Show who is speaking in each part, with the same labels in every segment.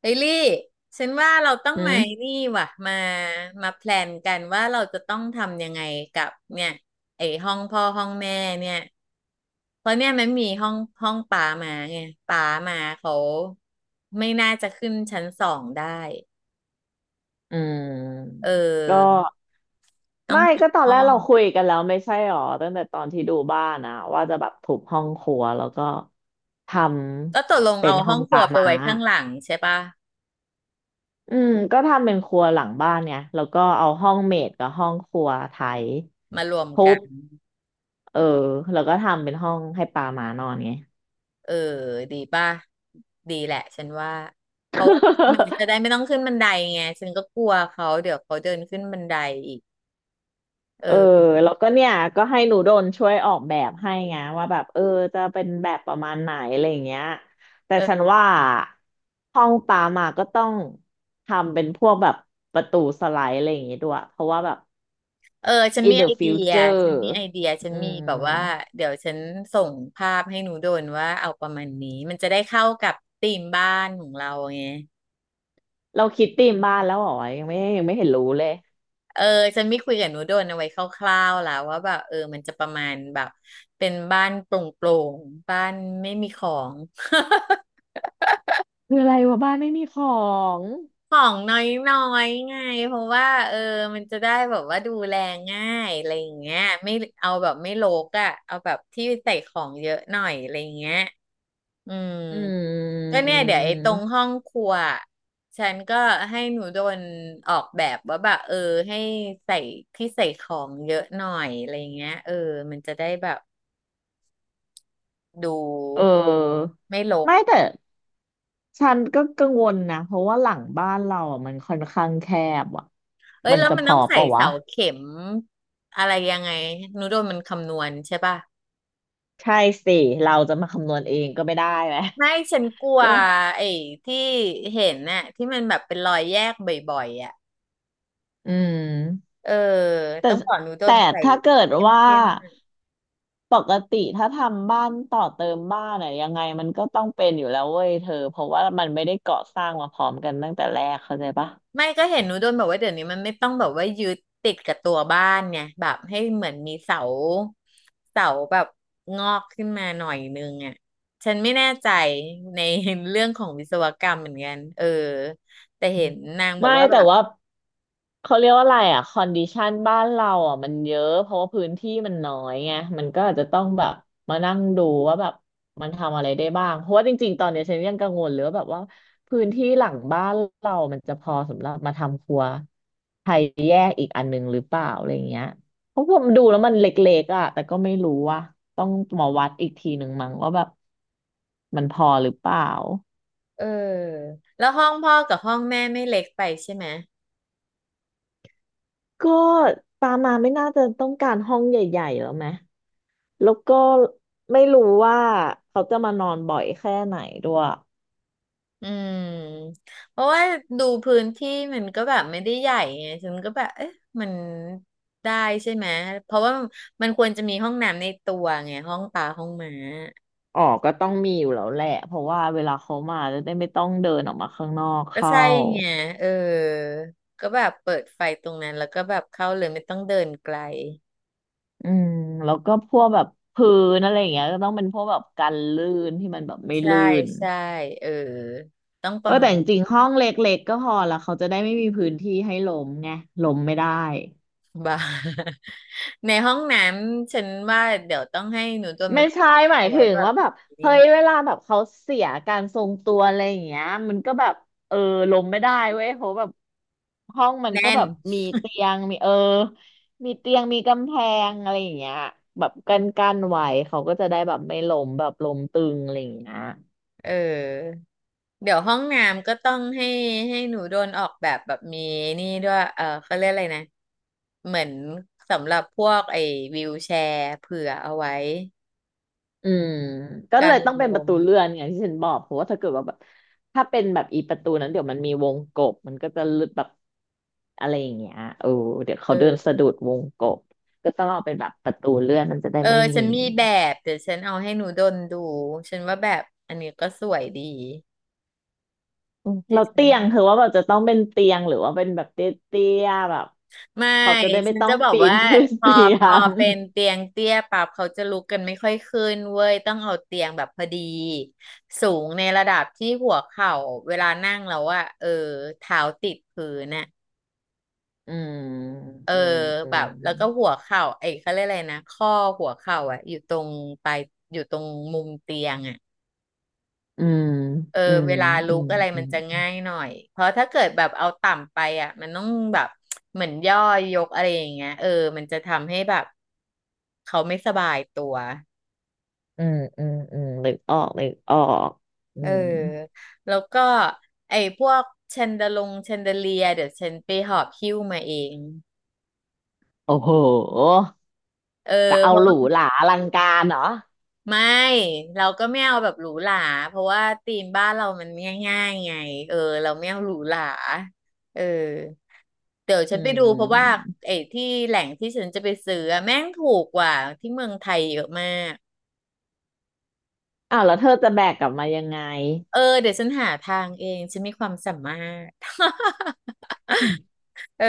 Speaker 1: เฮลี่ฉันว่าเราต้อง
Speaker 2: อื
Speaker 1: มา
Speaker 2: ม
Speaker 1: นี่ว่ะมามาแพลนกันว่าเราจะต้องทำยังไงกับเนี่ยไอ้ห้องพ่อห้องแม่เนี่ยเพราะเนี่ยมันมีห้องห้องป๋ามาไงป๋ามาเขาไม่น่าจะขึ้นชั้นสองได้
Speaker 2: อื
Speaker 1: เอ
Speaker 2: มก็
Speaker 1: อต้อง
Speaker 2: ไม่
Speaker 1: ปิด
Speaker 2: ก็ตอน
Speaker 1: ห้
Speaker 2: แร
Speaker 1: อ
Speaker 2: กเรา
Speaker 1: ง
Speaker 2: คุยกันแล้วไม่ใช่หรอตั้งแต่ตอนที่ดูบ้านนะว่าจะแบบทุบห้องครัวแล้วก็ท
Speaker 1: ก็ตกลง
Speaker 2: ำเป็
Speaker 1: เอา
Speaker 2: นห้
Speaker 1: ห้
Speaker 2: อ
Speaker 1: อง
Speaker 2: ง
Speaker 1: ค
Speaker 2: ป
Speaker 1: รั
Speaker 2: ลา
Speaker 1: วไป
Speaker 2: ม้า
Speaker 1: ไว้ข้างหลังใช่ปะ
Speaker 2: อืมก็ทำเป็นครัวหลังบ้านไงแล้วก็เอาห้องเมดกับห้องครัวไทย
Speaker 1: มารวม
Speaker 2: ทุ
Speaker 1: กั
Speaker 2: บ
Speaker 1: น
Speaker 2: เออแล้วก็ทำเป็นห้องให้ปลาม้านอนไง
Speaker 1: เออดีป่ะดีแหละฉันว่าเพราะว่ามันจะได้ ไม่ต้องขึ้นบันไดไงฉันก็กลัวเขาเดี๋ยวเขาเดินขึ้นบันไดอีกเอ
Speaker 2: เออ
Speaker 1: อ
Speaker 2: แล้วก็เนี่ยก็ให้หนูโดนช่วยออกแบบให้ไงว่าแบบเออจะเป็นแบบประมาณไหนอะไรอย่างเงี้ยแต่
Speaker 1: เออ
Speaker 2: ฉันว่าห้องปามาก็ต้องทำเป็นพวกแบบประตูสไลด์อะไรอย่างงี้ด้วยเพราะว่าแบบ
Speaker 1: เออฉัน
Speaker 2: in
Speaker 1: มีไอ
Speaker 2: the
Speaker 1: เดียฉัน
Speaker 2: future
Speaker 1: มีไอเดียฉัน
Speaker 2: อื
Speaker 1: มีแบบ
Speaker 2: ม
Speaker 1: ว่าเดี๋ยวฉันส่งภาพให้หนูโดนว่าเอาประมาณนี้มันจะได้เข้ากับธีมบ้านของเราไง
Speaker 2: เราคิดธีมบ้านแล้วเหรอยังไม่ยังไม่เห็นรู้เลย
Speaker 1: เออฉันไม่คุยกับหนูโดนเอาไว้คร่าวๆแล้วว่าแบบเออมันจะประมาณแบบเป็นบ้านโปร่งๆบ้านไม่มีของ
Speaker 2: คืออะไรวะบ้านไม่มีของ
Speaker 1: ของน้อยๆไงเพราะว่าเออมันจะได้แบบว่าดูแลง่ายอะไรอย่างเงี้ยไม่เอาแบบไม่รกอ่ะเอาแบบที่ใส่ของเยอะหน่อยอะไรอย่างเงี้ยอืม
Speaker 2: อื
Speaker 1: ก็เนี่ยเดี๋ยวไอ้ตรง
Speaker 2: ม
Speaker 1: ห้องครัวฉันก็ให้หนูโดนออกแบบว่าแบบเออให้ใส่ที่ใส่ของเยอะหน่อยอะไรอย่างเงี้ยเออมันจะได้แบบดู
Speaker 2: เออ
Speaker 1: ไม่รก
Speaker 2: ไม่แต่ ฉันก็กังวลนะเพราะว่าหลังบ้านเราอ่ะมันค่อนข้างแคบอ่ะ
Speaker 1: เอ้ย
Speaker 2: มัน
Speaker 1: แล้ว
Speaker 2: จะ
Speaker 1: มัน
Speaker 2: พ
Speaker 1: ต้
Speaker 2: อ
Speaker 1: องใส่
Speaker 2: เปะวะ
Speaker 1: เสาเข็มอะไรยังไงนูโดนมันคำนวณใช่ป่ะ
Speaker 2: ใช่สิเราจะมาคำนวณเองก็ไม่ได้ไหม
Speaker 1: ไม่ฉันกลั ว
Speaker 2: ก็
Speaker 1: ไอ้ที่เห็นน่ะที่มันแบบเป็นรอยแยกบ่อยๆอ่ะ
Speaker 2: อืม
Speaker 1: เออ
Speaker 2: แต่
Speaker 1: ต้องบอกนูโด
Speaker 2: แต่
Speaker 1: นใส่
Speaker 2: ถ้าเกิด
Speaker 1: เข
Speaker 2: ว่า
Speaker 1: ้มๆหน่อย
Speaker 2: ปกติถ้าทำบ้านต่อเติมบ้านอะยังไงมันก็ต้องเป็นอยู่แล้วเว้ยเธอเพราะว่ามันไม่ได้ก่อสร้างมาพร้อมกันตั้งแต่แรกเข้าใจปะ
Speaker 1: ไม่ก็เห็นนูโดนบอกว่าเดี๋ยวนี้มันไม่ต้องแบบว่ายึดติดกับตัวบ้านไงแบบให้เหมือนมีเสาเสาแบบงอกขึ้นมาหน่อยนึงอ่ะฉันไม่แน่ใจในเรื่องของวิศวกรรมเหมือนกันเออแต่เห็นนางบอก
Speaker 2: ไม่
Speaker 1: ว่าแบ
Speaker 2: แต่
Speaker 1: บ
Speaker 2: ว่าเขาเรียกว่าอะไรอ่ะคอนดิชันบ้านเราอ่ะมันเยอะเพราะว่าพื้นที่มันน้อยไงมันก็อาจจะต้องแบบมานั่งดูว่าแบบมันทำอะไรได้บ้างเพราะว่าจริงๆตอนเนี้ยฉันยังกังวลเลยว่าแบบว่าพื้นที่หลังบ้านเรามันจะพอสำหรับมาทำครัวไทยแยกอีกอันหนึงหรือเปล่าอะไรเงี้ยเพราะผมดูแล้วมันเล็กๆอ่ะแต่ก็ไม่รู้ว่าต้องมาวัดอีกทีหนึ่งมั้งว่าแบบมันพอหรือเปล่า
Speaker 1: เออแล้วห้องพ่อกับห้องแม่ไม่เล็กไปใช่ไหม
Speaker 2: ก็ปามาไม่น่าจะต้องการห้องใหญ่ๆแล้วไหมแล้วก็ไม่รู้ว่าเขาจะมานอนบ่อยแค่ไหนด้วย
Speaker 1: อืมเพราะว่าดูพื้นที่มันก็แบบไม่ได้ใหญ่ไงฉันก็แบบเอ๊ะมันได้ใช่ไหมเพราะว่ามันควรจะมีห้องน้ำในตัวไงห้องปลาห้องหม้า
Speaker 2: อ๋อก็ต้องมีอยู่แล้วแหละเพราะว่าเวลาเขามาจะได้ไม่ต้องเดินออกมาข้างนอก
Speaker 1: ก็
Speaker 2: เข้า
Speaker 1: ใช่ไงเออก็แบบเปิดไฟตรงนั้นแล้วก็แบบเข้าเลยไม่ต้องเดินไกล
Speaker 2: อืมแล้วก็พวกแบบพื้นอะไรอย่างเงี้ยก็ต้องเป็นพวกแบบกันลื่นที่มันแบบไม่
Speaker 1: ใช่
Speaker 2: ลื่น
Speaker 1: ใช่เออต้องป
Speaker 2: เออ
Speaker 1: ระ
Speaker 2: แต่
Speaker 1: มาณ
Speaker 2: จริงๆห้องเล็กๆก็พอละเขาจะได้ไม่มีพื้นที่ให้ล้มไงล้มไม่ได้
Speaker 1: บ่าย ในห้องน้ำฉันว่าเดี๋ยวต้องให้หนูตัวมั
Speaker 2: ไม่
Speaker 1: นออก
Speaker 2: ใช่หมาย
Speaker 1: เอาไว้
Speaker 2: ถึง
Speaker 1: แบบ
Speaker 2: ว่าแบบ
Speaker 1: นี้
Speaker 2: เฮ้ยเวลาแบบเขาเสียการทรงตัวอะไรอย่างเงี้ยมันก็แบบเออลงไม่ได้เว้ยเพราะแบบห้องมันก็
Speaker 1: แน่น
Speaker 2: แบบมีเตียงมีมีเตียงมีกำแพงอะไรอย่างเงี้ยแบบกันไว้เขาก็จะได้แบบไม่ล้มแบบล้มตึงอะไรอย่างเงี้ย
Speaker 1: เออเดี๋ยวห้องน้ำก็ต้องให้หนูโดนออกแบบแบบมีนี่ด้วยเออเขาเรียกอะไรนะเหมือนสำหรับพวกไอ้วีลแชร์เผื่อเอาไว้
Speaker 2: อืมก็เล
Speaker 1: กัน
Speaker 2: ยต้อง
Speaker 1: ล
Speaker 2: เป็นประ
Speaker 1: ม
Speaker 2: ตูเลื่อนอย่างที่ฉันบอกเพราะว่าถ้าเกิดว่าแบบถ้าเป็นแบบอีประตูนั้นเดี๋ยวมันมีวงกบมันก็จะหลุดแบบ อะไรอย่างเงี้ยเออเดี๋ยว
Speaker 1: เ
Speaker 2: เขาเดินสะ
Speaker 1: ออ
Speaker 2: ดุดวงกบก็ต้องเอาเป็นแบบประตูเลื่อนมันจะได้
Speaker 1: เออ
Speaker 2: ไม่
Speaker 1: ฉั
Speaker 2: มี
Speaker 1: นมีแบบเดี๋ยวฉันเอาให้หนูดนดูฉันว่าแบบอันนี้ก็สวยดี
Speaker 2: อืม
Speaker 1: ที่
Speaker 2: เรา
Speaker 1: ฉัน
Speaker 2: เตียงคือว่าแบบจะต้องเป็นเตียงหรือว่าเป็นแบบเตี้ยๆแบบ
Speaker 1: ไม่
Speaker 2: เขาจะได้ไม่
Speaker 1: ฉัน
Speaker 2: ต้อ
Speaker 1: จะ
Speaker 2: ง
Speaker 1: บอก
Speaker 2: ปีน
Speaker 1: ว่า
Speaker 2: ขึ้น
Speaker 1: พอ
Speaker 2: เตีย
Speaker 1: พอ
Speaker 2: ง
Speaker 1: เป็นเตียงเตี้ยปั๊บเขาจะลุกกันไม่ค่อยขึ้นเว้ยต้องเอาเตียงแบบพอดีสูงในระดับที่หัวเข่าเวลานั่งแล้วอะเออเท้าติดพื้นน่ะ
Speaker 2: อืม
Speaker 1: เออ
Speaker 2: อืมอื
Speaker 1: แบ
Speaker 2: ม
Speaker 1: บแล้วก็หัวเข่าไอ้เขาเรียกอะไรนะข้อหัวเข่าอะอยู่ตรงปลายอยู่ตรงมุมเตียงอะ
Speaker 2: อืม
Speaker 1: เออ
Speaker 2: อืม
Speaker 1: เวลาลุ
Speaker 2: อื
Speaker 1: ก
Speaker 2: ม
Speaker 1: อะไรมันจะง่ายหน่อยเพราะถ้าเกิดแบบเอาต่ำไปอ่ะมันต้องแบบเหมือนย่อยยกอะไรอย่างเงี้ยเออมันจะทำให้แบบเขาไม่สบายตัว
Speaker 2: อืมอืมอืมอืมนึกออกนึกออกอื
Speaker 1: เออ
Speaker 2: ม
Speaker 1: แล้วก็ไอ้พวกแชนเดเลียเดี๋ยวฉันไปหอบหิ้วมาเอง
Speaker 2: โอ้โห
Speaker 1: เออ
Speaker 2: แต่
Speaker 1: เพ
Speaker 2: เอาหรู
Speaker 1: ราะ
Speaker 2: หราอลังการเหรอ
Speaker 1: ไม่เราก็ไม่เอาแบบหรูหราเพราะว่าธีมบ้านเรามันง่ายๆไงเออเราไม่เอาหรูหราเออ เดี๋ยว
Speaker 2: อื
Speaker 1: ฉันไปดูเพราะว่า
Speaker 2: ม
Speaker 1: ไอ้ที่แหล่งที่ฉันจะไปซื้ออะแม่งถูกกว่าที่เมืองไทยเยอะมาก
Speaker 2: อ้าวแล้วเธอจะแบกกลับมายังไง
Speaker 1: เออเดี๋ยวฉันหาทางเองฉันมีความสามารถ เออ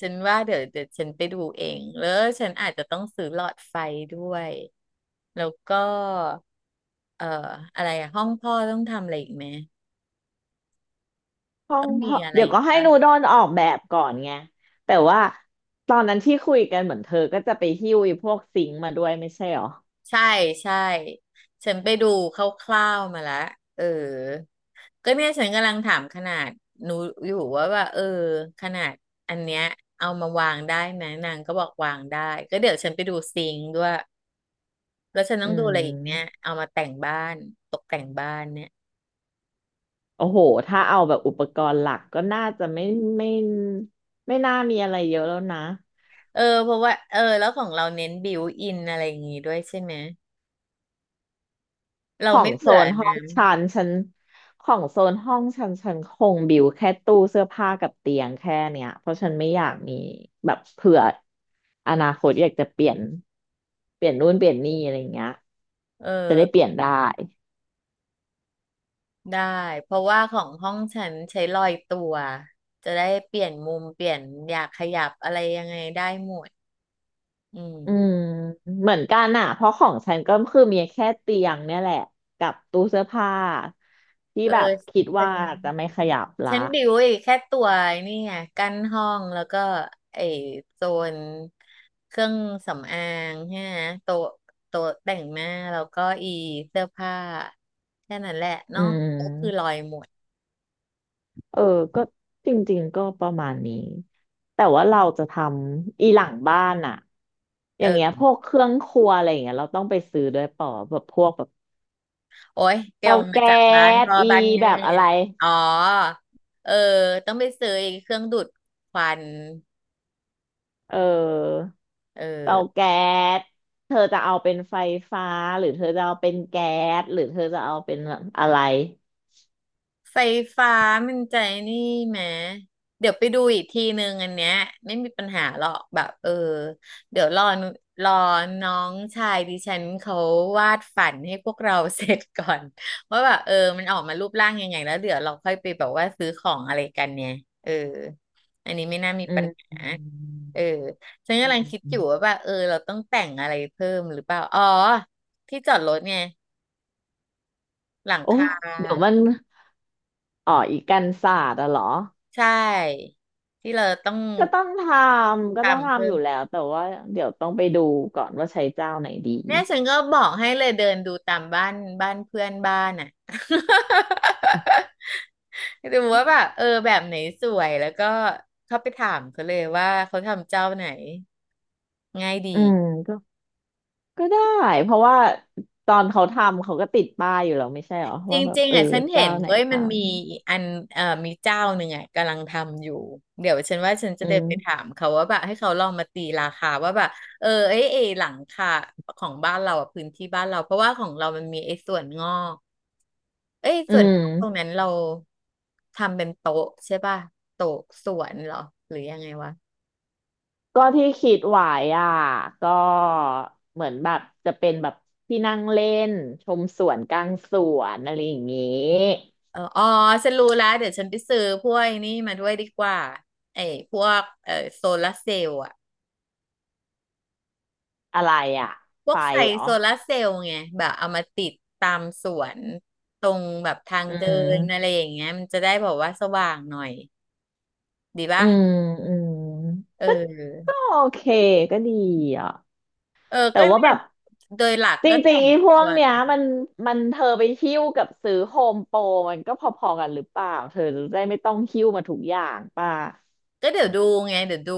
Speaker 1: ฉันว่าเดี๋ยวฉันไปดูเองแล้วฉันอาจจะต้องซื้อหลอดไฟด้วยแล้วก็เอ่ออะไรอะห้องพ่อต้องทำอะไรอีกไหม
Speaker 2: ห้อ
Speaker 1: ต้อ
Speaker 2: ง
Speaker 1: งมี
Speaker 2: พ่อ
Speaker 1: อะไร
Speaker 2: เดี๋ยว
Speaker 1: อีก
Speaker 2: ก็ให้
Speaker 1: ปะ
Speaker 2: นูโดนออกแบบก่อนไงแต่ว่าตอนนั้นที่คุยกันเหมือนเธอก็จะไปหิ้วไอ้พวกซิงค์มาด้วยไม่ใช่หรอ
Speaker 1: ใช่ใช่ฉันไปดูคร่าวๆมาแล้วเออก็เนี่ยฉันกำลังถามขนาดหนูอยู่ว่าเออขนาดอันเนี้ยเอามาวางได้ไหมนางก็บอกวางได้ก็เดี๋ยวฉันไปดูซิงค์ด้วยแล้วฉันต้
Speaker 2: อื
Speaker 1: องดูอะไรอีกเนี่ย
Speaker 2: ม
Speaker 1: เอามาแต่งบ้านตกแต่งบ้านเนี่ย
Speaker 2: โอ้โหถ้าเอาแบบอุปกรณ์หลักก็น่าจะไม่ไม่ไม่น่ามีอะไรเยอะแล้วนะ
Speaker 1: เออเพราะว่าเออแล้วของเราเน้นบิวอินอะไรอย่างงี้ด้วยใช่ไหม
Speaker 2: ข
Speaker 1: เรา
Speaker 2: อง
Speaker 1: ไม่
Speaker 2: โซ
Speaker 1: เผื่อ
Speaker 2: นห้อง
Speaker 1: นะ
Speaker 2: ชั้นชั้นของโซนห้องชั้นชั้นคงบิวแค่ตู้เสื้อผ้ากับเตียงแค่เนี้ยเพราะฉันไม่อยากมีแบบเผื่ออนาคตอยากจะเปลี่ยนเปลี่ยนนู่นเปลี่ยนนี่อะไรอย่างเงี้ยจะได้เปลี่ยนได้
Speaker 1: ได้เพราะว่าของห้องฉันใช้ลอยตัวจะได้เปลี่ยนมุมเปลี่ยนอยากขยับอะไรยังไงได้หมดอืม
Speaker 2: อืมเหมือนกันอ่ะเพราะของฉันก็คือมีแค่เตียงเนี่ยแหละกับตู้เสื้อผ้าที่
Speaker 1: เออ
Speaker 2: แบบคิด
Speaker 1: ฉั
Speaker 2: ว่า
Speaker 1: น
Speaker 2: จะไม่ขยับละ
Speaker 1: ฉันบิวไอ้แค่ตัวไอ้นี่ไงกั้นห้องแล้วก็ไอ้โซนเครื่องสำอางใช่ไหมโต๊ะแต่งหน้าแล้วก็อีเสื้อผ้าแค่นั้นแหละน
Speaker 2: อื
Speaker 1: อกก็คือลอ
Speaker 2: ม
Speaker 1: ยหมด
Speaker 2: เออก็จริงๆ ก็ประมาณนี้แต่ว่าเราจะทำอีหลังบ้านอะอย่างเงี้ยพ
Speaker 1: เออ
Speaker 2: วกเครื่องครัวอะไรอย่างเงี้ยเราต้องไปซื้อด้วยเปล่าแบบพวกแบบ
Speaker 1: โอ้ยเดี๋ย
Speaker 2: เตา
Speaker 1: วมา
Speaker 2: แก๊
Speaker 1: จากบ้าน
Speaker 2: ส
Speaker 1: พ่อ
Speaker 2: อี
Speaker 1: บ้าน
Speaker 2: แบ
Speaker 1: แม่
Speaker 2: บอะไร
Speaker 1: อ๋อ เออ ต้องไปซื้อไอ้เครื่องดูดควัน
Speaker 2: เออ
Speaker 1: เออ
Speaker 2: เตาแก๊สเธอจะเอาเป็นไฟฟ้าหรือเธอจะเอาเป็นแก๊สหรือเธอจะเอาเป็นอะไร
Speaker 1: ไฟฟ้ามันใจนี่แหมเดี๋ยวไปดูอีกทีนึงอันเนี้ยไม่มีปัญหาหรอกแบบเดี๋ยวรอน้องชายดิฉันเขาวาดฝันให้พวกเราเสร็จก่อน ว่าแบบมันออกมารูปร่างยังไงแล้วเดี๋ยวเราค่อยไปแบบว่าซื้อของอะไรกันเนี่ยเอออันนี้ไม่น่ามี
Speaker 2: อื
Speaker 1: ปั
Speaker 2: ม
Speaker 1: ญหา
Speaker 2: อืม
Speaker 1: เออฉัน
Speaker 2: อื
Speaker 1: กำลั
Speaker 2: ม
Speaker 1: งคิดอยู่ว่า
Speaker 2: อ
Speaker 1: แบบเราต้องแต่งอะไรเพิ่มหรือเปล่าอ๋อที่จอดรถไงหลัง
Speaker 2: โอ้
Speaker 1: คา
Speaker 2: เดี๋ยวมันอ๋ออีกกันศาสตร์อะเหรอ
Speaker 1: ใช่ที่เราต้อง
Speaker 2: ก็ต้องทำก็ต้อง
Speaker 1: ทำ
Speaker 2: ทำ
Speaker 1: เพิ่
Speaker 2: อ
Speaker 1: ม
Speaker 2: ยู่แล้วแต่ว่าเดี๋ยวต้องไปดูก่อนว่าใช้เจ้าไหนดี
Speaker 1: เนี่ยฉันก็บอกให้เลยเดินดูตามบ้านบ้านเพื่อนบ้านอ่ะ ดูว่าแบบแบบไหนสวยแล้วก็เข้าไปถามเขาเลยว่าเขาทำเจ้าไหนง่าย
Speaker 2: อื
Speaker 1: ดี
Speaker 2: มก็ก็ได้เพราะว่าตอนเขาทำเขาก็ติดป้ายอยู่แล้วไม่ใช่เหรอ
Speaker 1: จ
Speaker 2: ว่าแบบ
Speaker 1: ริง
Speaker 2: เอ
Speaker 1: ๆ
Speaker 2: อ
Speaker 1: อ่ะฉันเห็
Speaker 2: เจ้า
Speaker 1: น
Speaker 2: ไหน
Speaker 1: เว้ย
Speaker 2: ท
Speaker 1: มันมีอันมีเจ้าหนึ่งอ่ะกำลังทำอยู่เดี๋ยวฉันว่าฉัน
Speaker 2: ำ
Speaker 1: จะ
Speaker 2: อื
Speaker 1: เดิน
Speaker 2: ม
Speaker 1: ไปถามเขาว่าแบบให้เขาลองมาตีราคาว่าแบบไอ้หลังคาของบ้านเราอ่ะพื้นที่บ้านเราเพราะว่าของเรามันมีไอ้ส่วนงอกเอ้ย
Speaker 2: อื
Speaker 1: ส่วนง
Speaker 2: ม
Speaker 1: อกตรงนั้นเราทำเป็นโต๊ะใช่ป่ะโต๊ะสวนเหรอหรือยังไงวะ
Speaker 2: ก็ที่คิดไว้อ่ะก็เหมือนแบบจะเป็นแบบที่นั่งเล่นชมสวนกลางสวนอะไรอย่างงี้
Speaker 1: ออ๋อฉันรู้แล้วเดี๋ยวฉันไปซื้อพวกไอ้นี่มาด้วยดีกว่าไอ้พวกโซลาร์เซลล์อ่ะ
Speaker 2: อะไรอ่ะ
Speaker 1: พว
Speaker 2: ไฟ
Speaker 1: กใส่
Speaker 2: เหรอ
Speaker 1: โซลาร์เซลล์ไงแบบเอามาติดตามสวนตรงแบบทาง
Speaker 2: อื
Speaker 1: เดินอะไร
Speaker 2: ม
Speaker 1: อย่างเงี้ยมันจะได้แบอกว่าสว่างหน่อย
Speaker 2: อืมอืม
Speaker 1: เออ
Speaker 2: ก็โอเคก็ดีอ่ะ
Speaker 1: เออ
Speaker 2: แต่
Speaker 1: ก็
Speaker 2: ว่า
Speaker 1: เนี่
Speaker 2: แบ
Speaker 1: ย
Speaker 2: บ
Speaker 1: โดยหลัก
Speaker 2: จร
Speaker 1: ก็
Speaker 2: ิ
Speaker 1: แต่
Speaker 2: งๆ
Speaker 1: ง
Speaker 2: ไอ้พว
Speaker 1: ตั
Speaker 2: ก
Speaker 1: ว
Speaker 2: เนี้ย
Speaker 1: กัน
Speaker 2: มันเธอไปหิ้วกับซื้อโฮมโปรมันก็พอๆกันหรือเปล่าเธอจะได้ไม่ต้องหิ้วมาทุกอย่างป่ะ
Speaker 1: ก็เดี๋ยวดูไงเดี๋ยวดู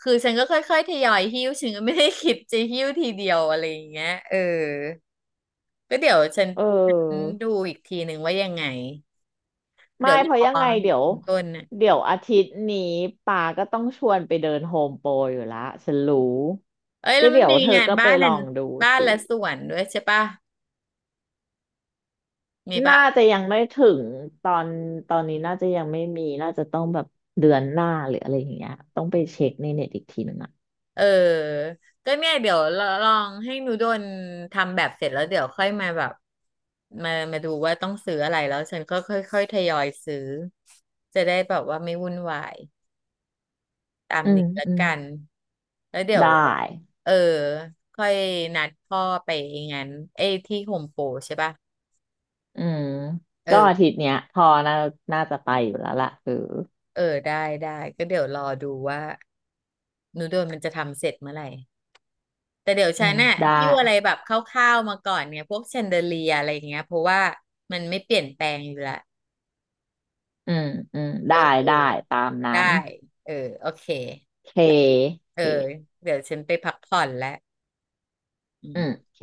Speaker 1: คือฉันก็ค่อยๆทยอยหิ้วฉันก็ไม่ได้คิดจะหิ้วทีเดียวอะไรอย่างเงี้ยก็เดี๋ยวฉัน
Speaker 2: เ
Speaker 1: ฉัน
Speaker 2: ออ
Speaker 1: ดูอีกทีหนึ่งว่ายังไงเดี๋
Speaker 2: ไม่
Speaker 1: ยวร
Speaker 2: เพ
Speaker 1: อ
Speaker 2: ราะยังไงเดี๋ยว
Speaker 1: ถึงต้นน่ะ
Speaker 2: อาทิตย์นี้ป่าก็ต้องชวนไปเดินโฮมโปรอยู่ละฉันรู้
Speaker 1: เอ้ยแล้
Speaker 2: ก็
Speaker 1: วมัน
Speaker 2: เดี๋ยว
Speaker 1: มี
Speaker 2: เธอ
Speaker 1: งาน
Speaker 2: ก็ไป
Speaker 1: บ้าน
Speaker 2: ล
Speaker 1: นั่น
Speaker 2: องดู
Speaker 1: บ้าน
Speaker 2: สิ
Speaker 1: และสวนด้วยใช่ปะมีปะ
Speaker 2: น่าจะยังไม่ถึงตอนตอนนี้น่าจะยังไม่มีน่าจะต้องแบบเดือนหน้าหรืออะไรอย่างเงี้ยต้องไปเช็คในเน็ตอีกทีหนึ่งอ่ะ
Speaker 1: เออก็เนี่ยเดี๋ยวลองให้หนูโดนทำแบบเสร็จแล้วเดี๋ยวค่อยมาแบบมาดูว่าต้องซื้ออะไรแล้วฉันก็ค่อยๆทยอยซื้อจะได้แบบว่าไม่วุ่นวายตาม
Speaker 2: อืม
Speaker 1: นี้ละ
Speaker 2: อืม
Speaker 1: กันแล้วเดี๋ยว
Speaker 2: ได้
Speaker 1: เออค่อยนัดพ่อไปงั้นเอ้ยที่โฮมโปรใช่ปะ
Speaker 2: อืมก็อา
Speaker 1: เออ
Speaker 2: ทิตย์เนี้ยพอน่าน่าจะไปอยู่แล้วล่ะเออ
Speaker 1: เออได้ได้ก็เดี๋ยวรอดูว่าหนูโดนมันจะทำเสร็จเมื่อไหร่ แต่เดี๋ยว
Speaker 2: อื
Speaker 1: ฉัน
Speaker 2: ม
Speaker 1: น่ะ
Speaker 2: ได้
Speaker 1: หิ้วอะไรแบบคร่าวๆมาก่อนเนี่ยพวกแชนเดอเลียอะไรอย่างเงี้ยเพราะว่ามันไม่เปลี่ยนแปลงอยู่ละ
Speaker 2: อืมอืม
Speaker 1: เออ
Speaker 2: ได้
Speaker 1: เออ
Speaker 2: ได้ตามนั้
Speaker 1: ได้
Speaker 2: น
Speaker 1: เออโอเค
Speaker 2: เคโอ
Speaker 1: เออ
Speaker 2: เค
Speaker 1: เดี๋ยวฉันไปพักผ่อนแล้ว
Speaker 2: อืมโอเค